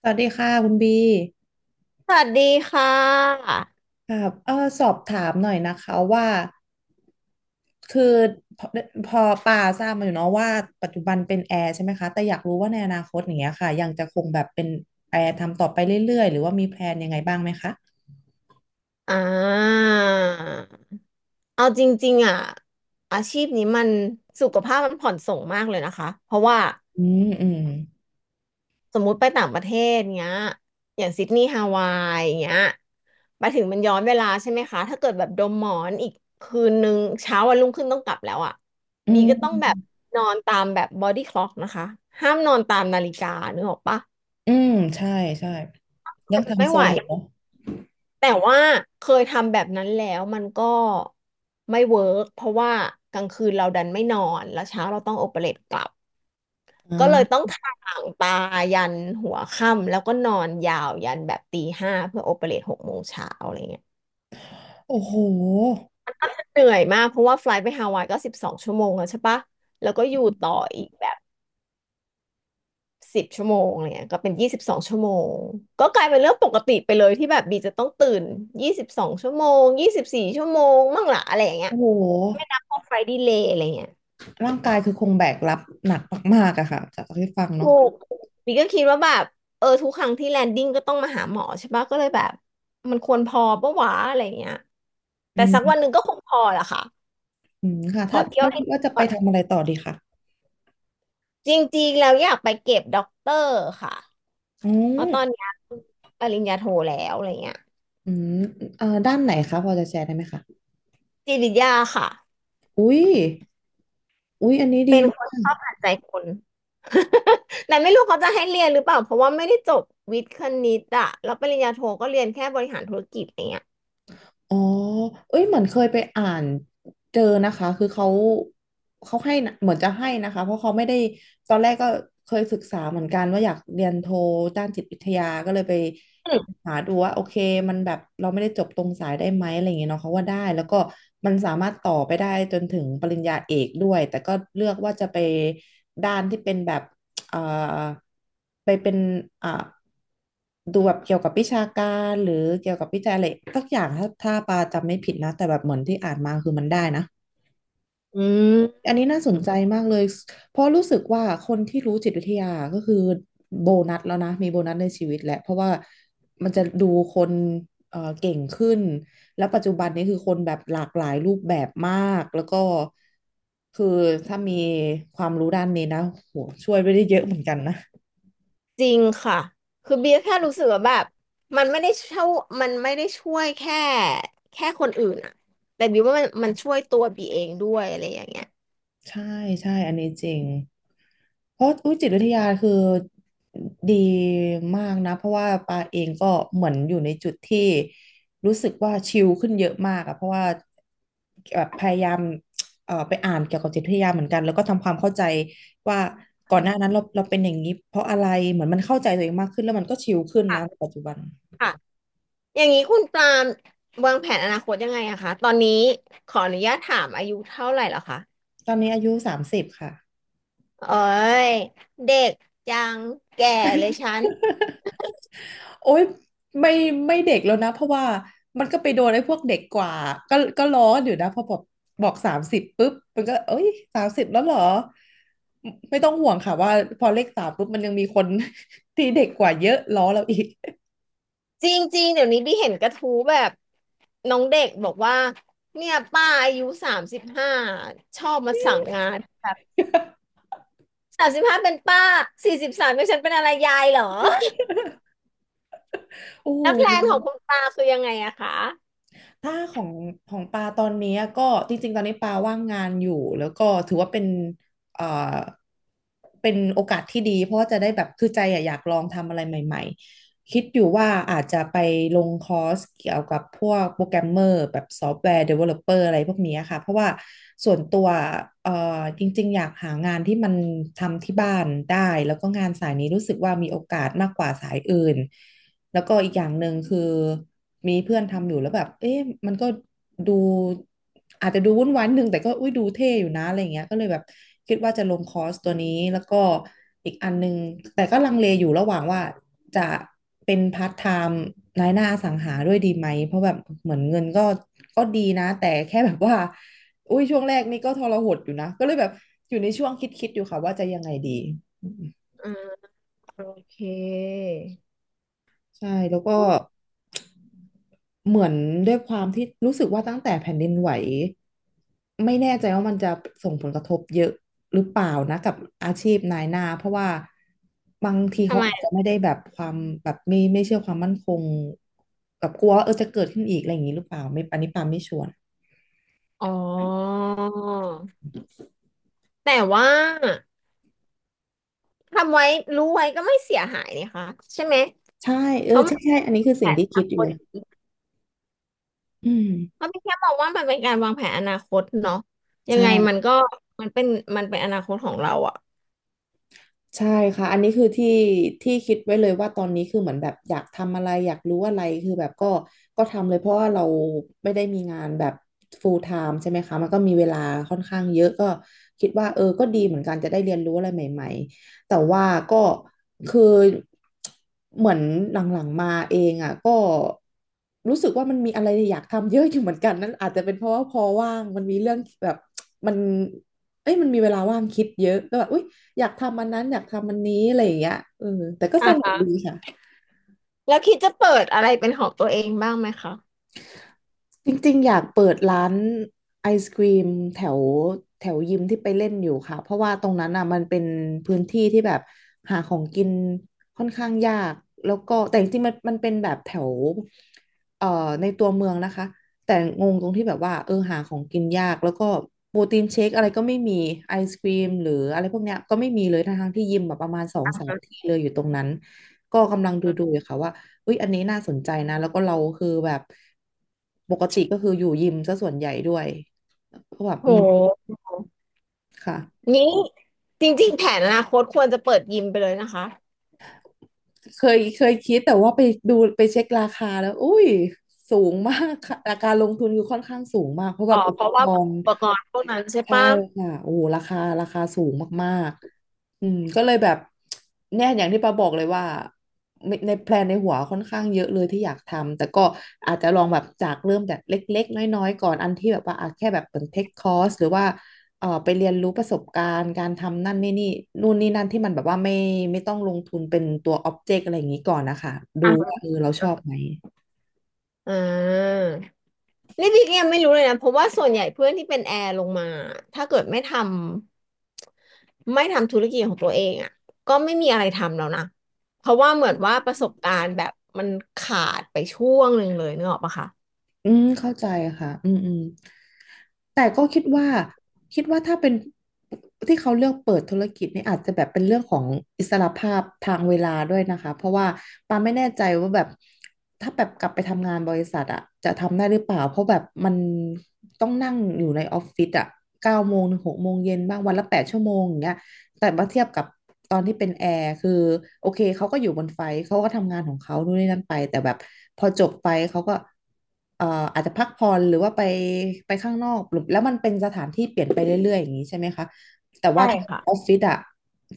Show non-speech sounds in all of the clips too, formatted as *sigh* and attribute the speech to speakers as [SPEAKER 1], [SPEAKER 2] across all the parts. [SPEAKER 1] สวัสดีค่ะคุณบี
[SPEAKER 2] สวัสดีค่ะ
[SPEAKER 1] ครับสอบถามหน่อยนะคะว่าคือพอพอป่าทราบมาอยู่เนาะว่าปัจจุบันเป็นแอร์ใช่ไหมคะแต่อยากรู้ว่าในอนาคตอย่างเงี้ยค่ะยังจะคงแบบเป็นแอร์ทำต่อไปเรื่อยๆหรือว่ามีแพลนยังไงบ้างไหมคะ
[SPEAKER 2] อ่าเอาจริงๆอ่ะอาชีพนี้มันสุขภาพมันผ่อนส่งมากเลยนะคะ เพราะว่า
[SPEAKER 1] อืมอืม
[SPEAKER 2] สมมุติไปต่างประเทศเงี้ยอย่างซิดนีย์ฮาวายเงี้ยไปถึงมันย้อนเวลาใช่ไหมคะถ้าเกิดแบบดมหมอนอีกคืนนึงเช้าวันรุ่งขึ้นต้องกลับแล้วอ่ะ
[SPEAKER 1] อื
[SPEAKER 2] บีก็ต้องแบบ
[SPEAKER 1] ม
[SPEAKER 2] นอนตามแบบบอดี้คล็อกนะคะห้ามนอนตามนาฬิกานึกออกปะ
[SPEAKER 1] อืมใช่ใช่ยั
[SPEAKER 2] มั
[SPEAKER 1] ง
[SPEAKER 2] น
[SPEAKER 1] ทำ
[SPEAKER 2] ไม่
[SPEAKER 1] โซ
[SPEAKER 2] ไหว
[SPEAKER 1] นอยู่เนาะ
[SPEAKER 2] แต่ว่าเคยทำแบบนั้นแล้วมันก็ไม่เวิร์กเพราะว่ากลางคืนเราดันไม่นอนแล้วเช้าเราต้องโอเปเรตกลับ
[SPEAKER 1] อ่
[SPEAKER 2] ก็เลยต้อ
[SPEAKER 1] า
[SPEAKER 2] งถ่างตายันหัวค่ำแล้วก็นอนยาวยันแบบตี 5เพื่อโอเปเรต6 โมงเช้าอะไรเงี้ย
[SPEAKER 1] โอ้โห
[SPEAKER 2] เหนื่อยมากเพราะว่าไฟลท์ไปฮาวายก็สิบสองชั่วโมงแล้วใช่ปะแล้วก็อยู่ต่ออีกแบบ 10 ชั่วโมงอะไรเงี้ยก็เป็นยี่สิบสองชั่วโมงก็กลายเป็นเรื่องปกติไปเลยที่แบบบีจะต้องตื่นยี่สิบสองชั่วโมง24 ชั่วโมงมั่งละอะไรอย่างเงี้ย
[SPEAKER 1] โอ้โห
[SPEAKER 2] ไม่นับพวกไฟดีเลย์อะไรเงี้ย
[SPEAKER 1] ร่างกายคือคงแบกรับหนักมากๆอะค่ะจากที่ฟัง
[SPEAKER 2] ถู
[SPEAKER 1] เนาะ
[SPEAKER 2] กบีก็คิดว่าแบบเออทุกครั้งที่แลนดิ้งก็ต้องมาหาหมอใช่ปะก็เลยแบบมันควรพอปะวะอะไรเงี้ย
[SPEAKER 1] อื
[SPEAKER 2] แต่สักวันหนึ่
[SPEAKER 1] ม
[SPEAKER 2] งก็คงพอแหละค่ะ
[SPEAKER 1] อืมค่ะ
[SPEAKER 2] ข
[SPEAKER 1] ถ้า
[SPEAKER 2] อเที่ย
[SPEAKER 1] เรา
[SPEAKER 2] วให้
[SPEAKER 1] คิดว่าจะไป
[SPEAKER 2] ก่อน
[SPEAKER 1] ทำอะไรต่อดีค่ะ
[SPEAKER 2] จริงๆแล้วอยากไปเก็บด็อกเตอร์ค่ะ
[SPEAKER 1] อื
[SPEAKER 2] เพราะตอน
[SPEAKER 1] ม
[SPEAKER 2] เนี้ยปริญญาโทแล้วอะไรเงี้ย
[SPEAKER 1] อืมด้านไหนคะพอจะแชร์ได้ไหมคะ
[SPEAKER 2] จิตวิทยาค่ะ
[SPEAKER 1] อุ้ยอุ้ยอันนี้ดี
[SPEAKER 2] เป็น
[SPEAKER 1] ม
[SPEAKER 2] คน
[SPEAKER 1] า
[SPEAKER 2] ชอบ
[SPEAKER 1] ก
[SPEAKER 2] อ่านใจคน *laughs* แต่ไม่รู้เขาจะให้เรียนหรือเปล่าเพราะว่าไม่ได้จบวิทย์คณิตอะแล้วปริญญาโทก็เรียนแค่บริหารธุรกิจอะไรเงี้ย
[SPEAKER 1] อ๋อเอ้ยเหมือนเคยไปอ่านเจอนะคะคือเขาให้นะเหมือนจะให้นะคะ เพราะเขาไม่ได้ตอนแรกก็เคยศึกษาเหมือนกันว่าอยากเรียนโทด้านจิตวิทยาก็เลยไป
[SPEAKER 2] อ
[SPEAKER 1] หาดูว่าโอเคมันแบบเราไม่ได้จบตรงสายได้ไหมอะไรอย่างเงี้ยเนาะเขาว่าได้แล้วก็มันสามารถต่อไปได้จนถึงปริญญาเอกด้วยแต่ก็เลือกว่าจะไปด้านที่เป็นแบบ เอ่อไปเป็นอ่าดูแบบเกี่ยวกับวิชาการหรือเกี่ยวกับวิจัยอะไรสักอย่างถ้าปาจำไม่ผิดนะแต่แบบเหมือนที่อ่านมาคือมันได้นะ
[SPEAKER 2] ืม
[SPEAKER 1] อันนี้น่าส
[SPEAKER 2] อื
[SPEAKER 1] น
[SPEAKER 2] ม
[SPEAKER 1] ใจมากเลยเพราะรู้สึกว่าคนที่รู้จิตวิทยาก็คือโบนัสแล้วนะมีโบนัสในชีวิตแหละเพราะว่ามันจะดูคนเก่งขึ้นแล้วปัจจุบันนี้คือคนแบบหลากหลายรูปแบบมากแล้วก็คือถ้ามีความรู้ด้านนี้นะโหช่วยไปได้เยอะเหมือนกันนะ
[SPEAKER 2] จริงค่ะคือเบียร์แค่รู้สึกว่าแบบมันไม่ได้ช่วยมันไม่ได้ช่วยแค่คนอื่นอะแต่เบียร์ว่ามันมันช่วยตัวบีเองด้วยอะไรอย่างเงี้ย
[SPEAKER 1] ใช่ใช่อันนี้จริงเพราะอุยจิตวิทยาคือดีมากนะเพราะว่าปาเองก็เหมือนอยู่ในจุดที่รู้สึกว่าชิลขึ้นเยอะมากอะเพราะว่าแบบพยายามไปอ่านเกี่ยวกับจิตวิทยาเหมือนกันแล้วก็ทำความเข้าใจว่าก่อนหน้านั้นเราเป็นอย่างนี้เพราะอะไรเหมือนมันเข้าใจตัวเองมากขึ้นแล้วมันก็ชิลขึ้นนะ
[SPEAKER 2] ค่ะ
[SPEAKER 1] ในปัจจุบัน
[SPEAKER 2] ค่ะอย่างนี้คุณปรามวางแผนอนาคตยังไงอะคะตอนนี้ขออนุญาตถามอายุเท่าไหร่แล้วคะ
[SPEAKER 1] ตอนนี้อายุสามสิบค่ะ
[SPEAKER 2] โอ้ยเด็กยังแก่เลยฉัน
[SPEAKER 1] โอ๊ยไม่ไม่เด็กแล้วนะเพราะว่ามันก็ไปโดนไอ้พวกเด็กกว่าก็ร้อนอยู่นะพอบอกสามสิบปุ๊บมันก็เอ้ยสามสิบแล้วเหรอไม่ต้องห่วงค่ะว่าพอเลขสามปุ๊บมันยังมีคน *laughs* ที่เด็กกว่าเยอะล้อเราอีก
[SPEAKER 2] จริงๆเดี๋ยวนี้พี่เห็นกระทู้แบบน้องเด็กบอกว่าเนี่ยป้าอายุสามสิบห้าชอบมาสั่งงานแบบสามสิบห้าเป็นป้า43เป็นฉันเป็นอะไรยายเหรอ
[SPEAKER 1] *laughs* โอ้โ
[SPEAKER 2] แล้วแพลนของคุ
[SPEAKER 1] ห
[SPEAKER 2] ณตาคือยังไงอะคะ
[SPEAKER 1] ถ้าของของปาตอนนี้ก็จริงๆตอนนี้ปาว่างงานอยู่แล้วก็ถือว่าเป็นเอ่อเป็นโอกาสที่ดีเพราะว่าจะได้แบบคือใจอะอยากลองทำอะไรใหม่ๆคิดอยู่ว่าอาจจะไปลงคอร์สเกี่ยวกับพวกโปรแกรมเมอร์แบบซอฟต์แวร์เดเวลลอปเปอร์อะไรพวกนี้ค่ะเพราะว่าส่วนตัวจริงๆอยากหางานที่มันทำที่บ้านได้แล้วก็งานสายนี้รู้สึกว่ามีโอกาสมากกว่าสายอื่น แล้วก็อีกอย่างหนึ่งคือมีเพื่อนทำอยู่แล้วแบบเอ๊ะมันก็ดูอาจจะดูวุ่นวายนิดนึงแต่ก็อุ้ยดูเท่อยู่นะอะไรอย่างเงี้ยก็เลยแบบคิดว่าจะลงคอร์สตัวนี้แล้วก็อีกอันนึงแต่ก็ลังเลอยู่ระหว่างว่าจะเป็นพาร์ทไทม์นายหน้าอสังหาด้วยดีไหมเพราะแบบเหมือนเงินก็ดีนะแต่แค่แบบว่าอุ้ยช่วงแรกนี่ก็ทรหดอยู่นะก็เลยแบบอยู่ในช่วงคิดๆอยู่ค่ะว่าจะยังไงดี
[SPEAKER 2] อ่าโอเค
[SPEAKER 1] ใช่แล้วก็เหมือนด้วยความที่รู้สึกว่าตั้งแต่แผ่นดินไหวไม่แน่ใจว่ามันจะส่งผลกระทบเยอะหรือเปล่านะกับอาชีพนายหน้าเพราะว่าบางที
[SPEAKER 2] ทำ
[SPEAKER 1] เขา
[SPEAKER 2] ไม
[SPEAKER 1] อาจจะไม่ได้แบบความแบบไม่เชื่อความมั่นคงแบบกลัวว่าเออจะเกิดขึ้นอีกอะไรอย่างนี้หรือเปล่าไม่อันนี้ปาไม่ชัวร์
[SPEAKER 2] อ๋อแต่ว่าทำไว้รู้ไว้ก็ไม่เสียหายนะคะใช่ไหม
[SPEAKER 1] ใช่เอ
[SPEAKER 2] เพ
[SPEAKER 1] อ
[SPEAKER 2] ราะมั
[SPEAKER 1] ใช่
[SPEAKER 2] น
[SPEAKER 1] ใช่อันนี้คือ
[SPEAKER 2] แป
[SPEAKER 1] สิ่ง
[SPEAKER 2] ด
[SPEAKER 1] ที่
[SPEAKER 2] พั
[SPEAKER 1] คิด
[SPEAKER 2] น
[SPEAKER 1] อ
[SPEAKER 2] ค
[SPEAKER 1] ยู่
[SPEAKER 2] น
[SPEAKER 1] เลยอืม
[SPEAKER 2] ก็พี่แค่มองว่ามันเป็นการวางแผนอนาคตเนาะยังไงมัน
[SPEAKER 1] ใช่
[SPEAKER 2] ก็มันเป็นมันเป็นอนาคตของเราอะ
[SPEAKER 1] ใช่ค่ะอันนี้คือที่ที่คิดไว้เลยว่าตอนนี้คือเหมือนแบบอยากทำอะไรอยากรู้อะไรคือแบบก็ทำเลยเพราะว่าเราไม่ได้มีงานแบบ full time ใช่ไหมคะมันก็มีเวลาค่อนข้างเยอะก็คิดว่าเออก็ดีเหมือนกันจะได้เรียนรู้อะไรใหม่ๆแต่ว่าก็คือเหมือนหลังๆมาเองอ่ะก็รู้สึกว่ามันมีอะไรอยากทำเยอะอยู่เหมือนกันนั่นอาจจะเป็นเพราะว่าพอว่างมันมีเรื่องแบบมันเอ้ยมันมีเวลาว่างคิดเยอะก็แบบอุ้ย อยากทำอันนั้นอยากทำอันนี้อะไรอย่างเงี้ยแต่ก็
[SPEAKER 2] อ
[SPEAKER 1] สนุก
[SPEAKER 2] ่ะ
[SPEAKER 1] ดีค่ะ
[SPEAKER 2] แล้วคิดจะเปิดอะไรเป็นของตัวเองบ้างไหมคะ
[SPEAKER 1] จริงๆอยากเปิดร้านไอศกรีมแถวแถวยิมที่ไปเล่นอยู่ค่ะเพราะว่าตรงนั้นอ่ะมันเป็นพื้นที่ที่แบบหาของกินค่อนข้างยากแล้วก็แต่จริงๆมันเป็นแบบแถวเอ่อในตัวเมืองนะคะแต่งงตรงที่แบบว่าเออหาของกินยากแล้วก็โปรตีนเชคอะไรก็ไม่มีไอศกรีมหรืออะไรพวกเนี้ยก็ไม่มีเลยทั้งๆที่ยิมแบบประมาณสองสามที่เลยอยู่ตรงนั้นก็กำลังดูๆอยู่ค่ะว่า อุ๊ยอันนี้น่าสนใจนะแล้วก็เราคือแบบปกติก็คืออยู่ยิมซะส่วนใหญ่ด้วยก็แบบ
[SPEAKER 2] โ
[SPEAKER 1] อืม
[SPEAKER 2] ห
[SPEAKER 1] ค่ะ
[SPEAKER 2] นี้จริงๆแผนอนาคตควรจะเปิดยิมไปเลยนะคะ
[SPEAKER 1] เคยคิดแต่ว่าไปดูไปเช็คราคาแล้วอุ้ยสูงมากค่ะการลงทุนคือค่อนข้างสูงมากเพราะแบ
[SPEAKER 2] อ๋อ
[SPEAKER 1] บอุ
[SPEAKER 2] เพ
[SPEAKER 1] ป
[SPEAKER 2] ราะ
[SPEAKER 1] ก
[SPEAKER 2] ว่า
[SPEAKER 1] รณ์
[SPEAKER 2] อุปกรณ์พวกนั้นใช่
[SPEAKER 1] ใช่
[SPEAKER 2] ปะ
[SPEAKER 1] ค่ะโอ้โหราคาสูงมากๆอืมก็เลยแบบเนี่ยอย่างที่ปาบอกเลยว่าในแพลนในหัวค่อนข้างเยอะเลยที่อยากทำแต่ก็อาจจะลองแบบจากเริ่มจากเล็กๆน้อยๆก่อนอันที่แบบว่าอ่ะแค่แบบเป็นเทคคอร์สหรือว่าไปเรียนรู้ประสบการณ์การทำนั่นนี่นู่นนี่นั่นที่มันแบบว่าไม่ต้องลงทุนเป็นตัวออบเจกต์อะไรอย่างนี้ก่อนนะคะดูว่าเออ
[SPEAKER 2] อ
[SPEAKER 1] เราชอบไหม
[SPEAKER 2] ่า นี่พี่ก็ยังไม่รู้เลยนะเพราะว่าส่วนใหญ่เพื่อนที่เป็นแอร์ลงมาถ้าเกิดไม่ทำธุรกิจของตัวเองอ่ะก็ไม่มีอะไรทำแล้วนะเพราะว่าเหมือนว่าประสบการณ์แบบมันขาดไปช่วงหนึ่งเลยนึกออกปะคะ
[SPEAKER 1] อืมเข้าใจค่ะอืมอืมแต่ก็คิดว่าคิดว่าถ้าเป็นที่เขาเลือกเปิดธุรกิจนี่อาจจะแบบเป็นเรื่องของอิสรภาพทางเวลาด้วยนะคะเพราะว่าปาไม่แน่ใจว่าแบบถ้าแบบกลับไปทำงานบริษัทอะจะทำได้หรือเปล่าเพราะแบบมันต้องนั่งอยู่ในออฟฟิศอะ9 โมงถึง 6 โมงเย็นบ้างวันละ8 ชั่วโมงอย่างเงี้ย แต่มาเทียบกับตอนที่เป็นแอร์คือโอเคเขาก็อยู่บนไฟท์เขาก็ทำงานของเขานู่นนี่นั่นไปแต่แบบพอจบไปเขาก็เอ่ออาจจะพักผ่อนหรือว่าไปข้างนอกหรือแล้วมันเป็นสถานที่เปลี่ยนไปเรื่อยๆอย่างนี้ใช่ไหมคะแต่
[SPEAKER 2] ใช่
[SPEAKER 1] ว่าถ้า
[SPEAKER 2] ค่ะ
[SPEAKER 1] ออฟฟิศอะ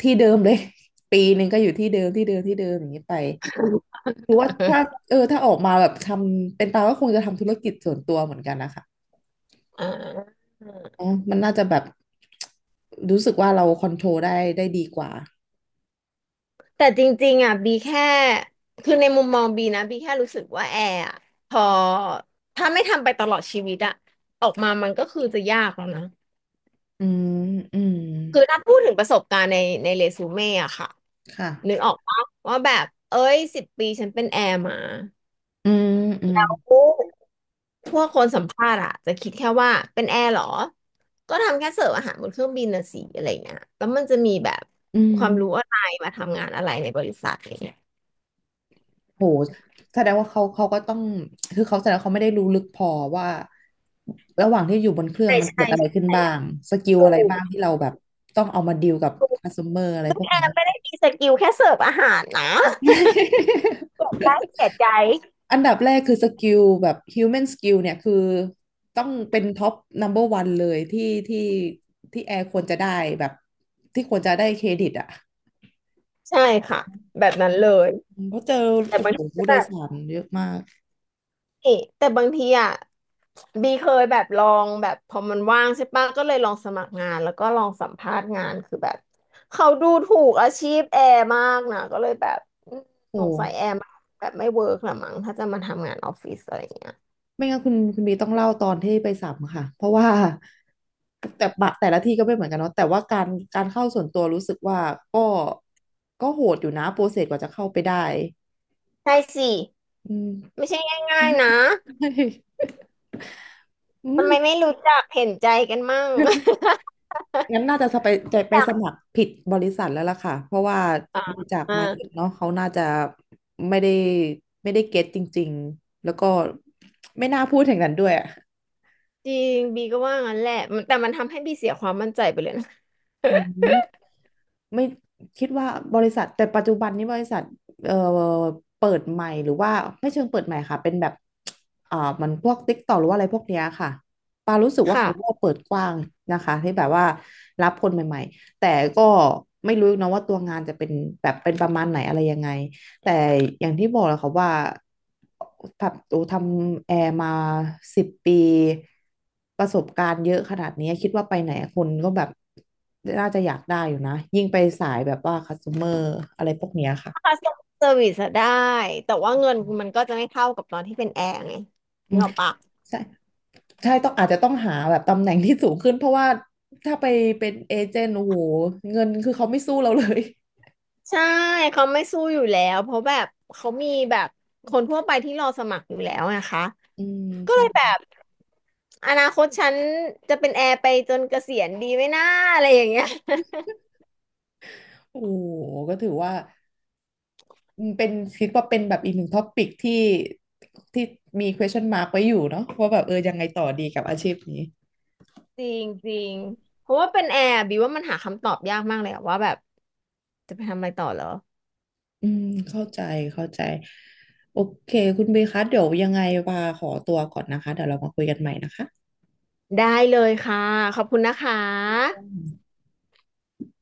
[SPEAKER 1] ที่เดิมเลย *laughs* ปีหนึ่งก็อยู่ที่เดิมที่เดิมที่เดิมอย่างนี้ไปคือว่าถ้าเออถ้าออกมาแบบทำเป็นตาก็คงจะทำธุรกิจส่วนตัวเหมือนกันนะคะ
[SPEAKER 2] อ่า
[SPEAKER 1] อ๋อมันน่าจะแบบรู้สึกว่าเราคอนโทรลได้ดีกว่า
[SPEAKER 2] แต่จริงๆอ่ะบีแค่คือในมุมมองบีนะบีแค่รู้สึกว่าแอร์อะพอถ้าไม่ทำไปตลอดชีวิตอะออกมามันก็คือจะยากแล้วนะ
[SPEAKER 1] อืมอืม
[SPEAKER 2] คือถ้าพูดถึงประสบการณ์ในเรซูเม่อะค่ะ
[SPEAKER 1] ค่ะ
[SPEAKER 2] นึกออกปะว่าแบบเอ้ย10 ปีฉันเป็นแอร์มา
[SPEAKER 1] อืมอืม
[SPEAKER 2] โอ้พวกคนสัมภาษณ์อะจะคิดแค่ว่าเป็นแอร์เหรอก็ทำแค่เสิร์ฟอาหารบนเครื่องบินนะสิอะไรเงี้ยแล้วมันจะมีแบบ
[SPEAKER 1] อื
[SPEAKER 2] ความรู้
[SPEAKER 1] ม
[SPEAKER 2] อะไรมาทำงานอะไรในบริษัทอะไรเงี้ย
[SPEAKER 1] โหแสดงว่าเขาก็ต้องคือเขาแสดงว่าเขาไม่ได้รู้ลึกพอว่าระหว่างที่อยู่บนเครื่อง
[SPEAKER 2] ใช่
[SPEAKER 1] มันเกิ
[SPEAKER 2] ใช่
[SPEAKER 1] ดอะไรขึ้น
[SPEAKER 2] ใช่
[SPEAKER 1] บ้างสกิล
[SPEAKER 2] ถู
[SPEAKER 1] อะไรบ้าง
[SPEAKER 2] ก
[SPEAKER 1] ที่เราแบบต้องเอามาดีลกับ
[SPEAKER 2] ถูก
[SPEAKER 1] คัสเตอร์อะไรพวกนี้
[SPEAKER 2] แต่ไม่ได้มีสกิลแค่เสิร์ฟอาหารนะเสี
[SPEAKER 1] *laughs*
[SPEAKER 2] ยใจเสียใจ
[SPEAKER 1] อันดับแรกคือสกิลแบบ human skill เนี่ยคือต้องเป็นท็อป number one เบอร์วันเลยที่ที่แอร์ควรจะได้แบบที่ควรจะได้เครดิตอ่ะ
[SPEAKER 2] ใช่ค่ะแบบนั้นเลย
[SPEAKER 1] เพราะเจอ
[SPEAKER 2] แต่
[SPEAKER 1] โอ้
[SPEAKER 2] บาง
[SPEAKER 1] โห
[SPEAKER 2] ทีก็
[SPEAKER 1] ผู้โด
[SPEAKER 2] แบ
[SPEAKER 1] ย
[SPEAKER 2] บ
[SPEAKER 1] สารเยอะมาก
[SPEAKER 2] นี่แต่บางทีอ่ะ บีเคยแบบลองแบบพอมันว่างใช่ปะก็เลยลองสมัครงานแล้วก็ลองสัมภาษณ์งานคือแบบเขาดูถูกอาชีพแอร์มากนะก็เลยแบบอืมส
[SPEAKER 1] โอ้
[SPEAKER 2] งสัยแอร์แบบไม่เวิร์กหละมั้งถ้าจะมาทำงานออฟฟิศอะไรอย่างเงี้ย
[SPEAKER 1] ไม่งั้นคุณบีต้องเล่าตอนที่ไปสัมค่ะเพราะว่าแต่ละที่ก็ไม่เหมือนกันเนาะแต่ว่าการการเข้าส่วนตัวรู้สึกว่าก็ก็โหดอยู่นะโปรเซสกว่าจะเข้าไปได้
[SPEAKER 2] ใช่สิ
[SPEAKER 1] อืม
[SPEAKER 2] ไม่ใช่ง่ายๆนะ
[SPEAKER 1] ใช่อื
[SPEAKER 2] ทำ
[SPEAKER 1] ม
[SPEAKER 2] ไมไม่รู้จักเห็นใจกันมั่ง *laughs*
[SPEAKER 1] งั้นน่าจะจะไป
[SPEAKER 2] อยาก
[SPEAKER 1] สมัครผิดบริษัทแล้วล่ะค่ะเพราะว่า
[SPEAKER 2] อ่า
[SPEAKER 1] ดูจาก
[SPEAKER 2] อ่า
[SPEAKER 1] mindset เนาะเขาน่าจะไม่ได้ไม่ได้เก็ตจริงๆแล้วก็ไม่น่าพูดอย่างนั้นด้วยอะ
[SPEAKER 2] จริงบีก็ว่างั้นแหละมันแต่มันทำให้บีเสียความมั่นใจไปเลยนะ
[SPEAKER 1] อืม ไม่คิดว่าบริษัทแต่ปัจจุบันนี้บริษัทเอ่อเปิดใหม่หรือว่าไม่เชิงเปิดใหม่ค่ะเป็นแบบอ่ามันพวกติ๊กต็อหรือว่าอะไรพวกเนี้ยค่ะปารู้สึกว่าเขาก็
[SPEAKER 2] ค่ะ
[SPEAKER 1] เปิดกว้างนะคะที่แบบว่ารับคนใหม่ๆแต่ก็ไม่รู้นะว่าตัวงานจะเป็นแบบเป็นประมาณไหนอะไรยังไง แต่อย่างที่บอกแหล้วคขาว่าทำแอร์มา10 ปีประสบการณ์เยอะขนาดนี้คิดว่าไปไหนคนก็แบบน่าจะอยากได้อยู่นะยิ่งไปสายแบบว่าคัส t o เ e อร์อะไรพวกเนี้ยค่ะ
[SPEAKER 2] คัสเซอร์วิสได้แต่ว่าเงินมันก็จะไม่เท่ากับตอนที่เป็นแอร์ไง
[SPEAKER 1] อื
[SPEAKER 2] นึก
[SPEAKER 1] ม
[SPEAKER 2] ออกปะ
[SPEAKER 1] ใช่ใช่ต้องอาจจะต้องหาแบบตำแหน่งที่สูงขึ้นเพราะว่าถ้าไปเป็นเอเจนต์โอ้โหเงินคือเขาไม่สู้เราเลย
[SPEAKER 2] ใช่เขาไม่สู้อยู่แล้วเพราะแบบเขามีแบบคนทั่วไปที่รอสมัครอยู่แล้วนะคะ
[SPEAKER 1] *laughs* อืม
[SPEAKER 2] ก็เล
[SPEAKER 1] ใช่
[SPEAKER 2] ยแบบอนาคตฉันจะเป็นแอร์ไปจนเกษียณดีไหมน่าอะไรอย่างเงี้ย *laughs*
[SPEAKER 1] โอ้โหก็ถือว่า อืมเป็นคิดว่าเป็นแบบอีกหนึ่งท็อปิกที่ที่มี question mark ไว้อยู่เนาะว่าแบบเออยังไงต่อดีกับอาชีพนี้
[SPEAKER 2] จริงจริงเพราะว่าเป็นแอร์บิวว่ามันหาคำตอบยากมากเลยอะว่าแบบจะไปทำอะไรต่อเหรอ
[SPEAKER 1] อืมเข้าใจเข้าใจโอเคคุณเบย์คะเดี๋ยวยังไงว่าขอตัวก่อนนะคะเดี๋ยวเรามาคุยกันใหม่นะคะ
[SPEAKER 2] ได้เลยค่ะขอบคุณนะคะ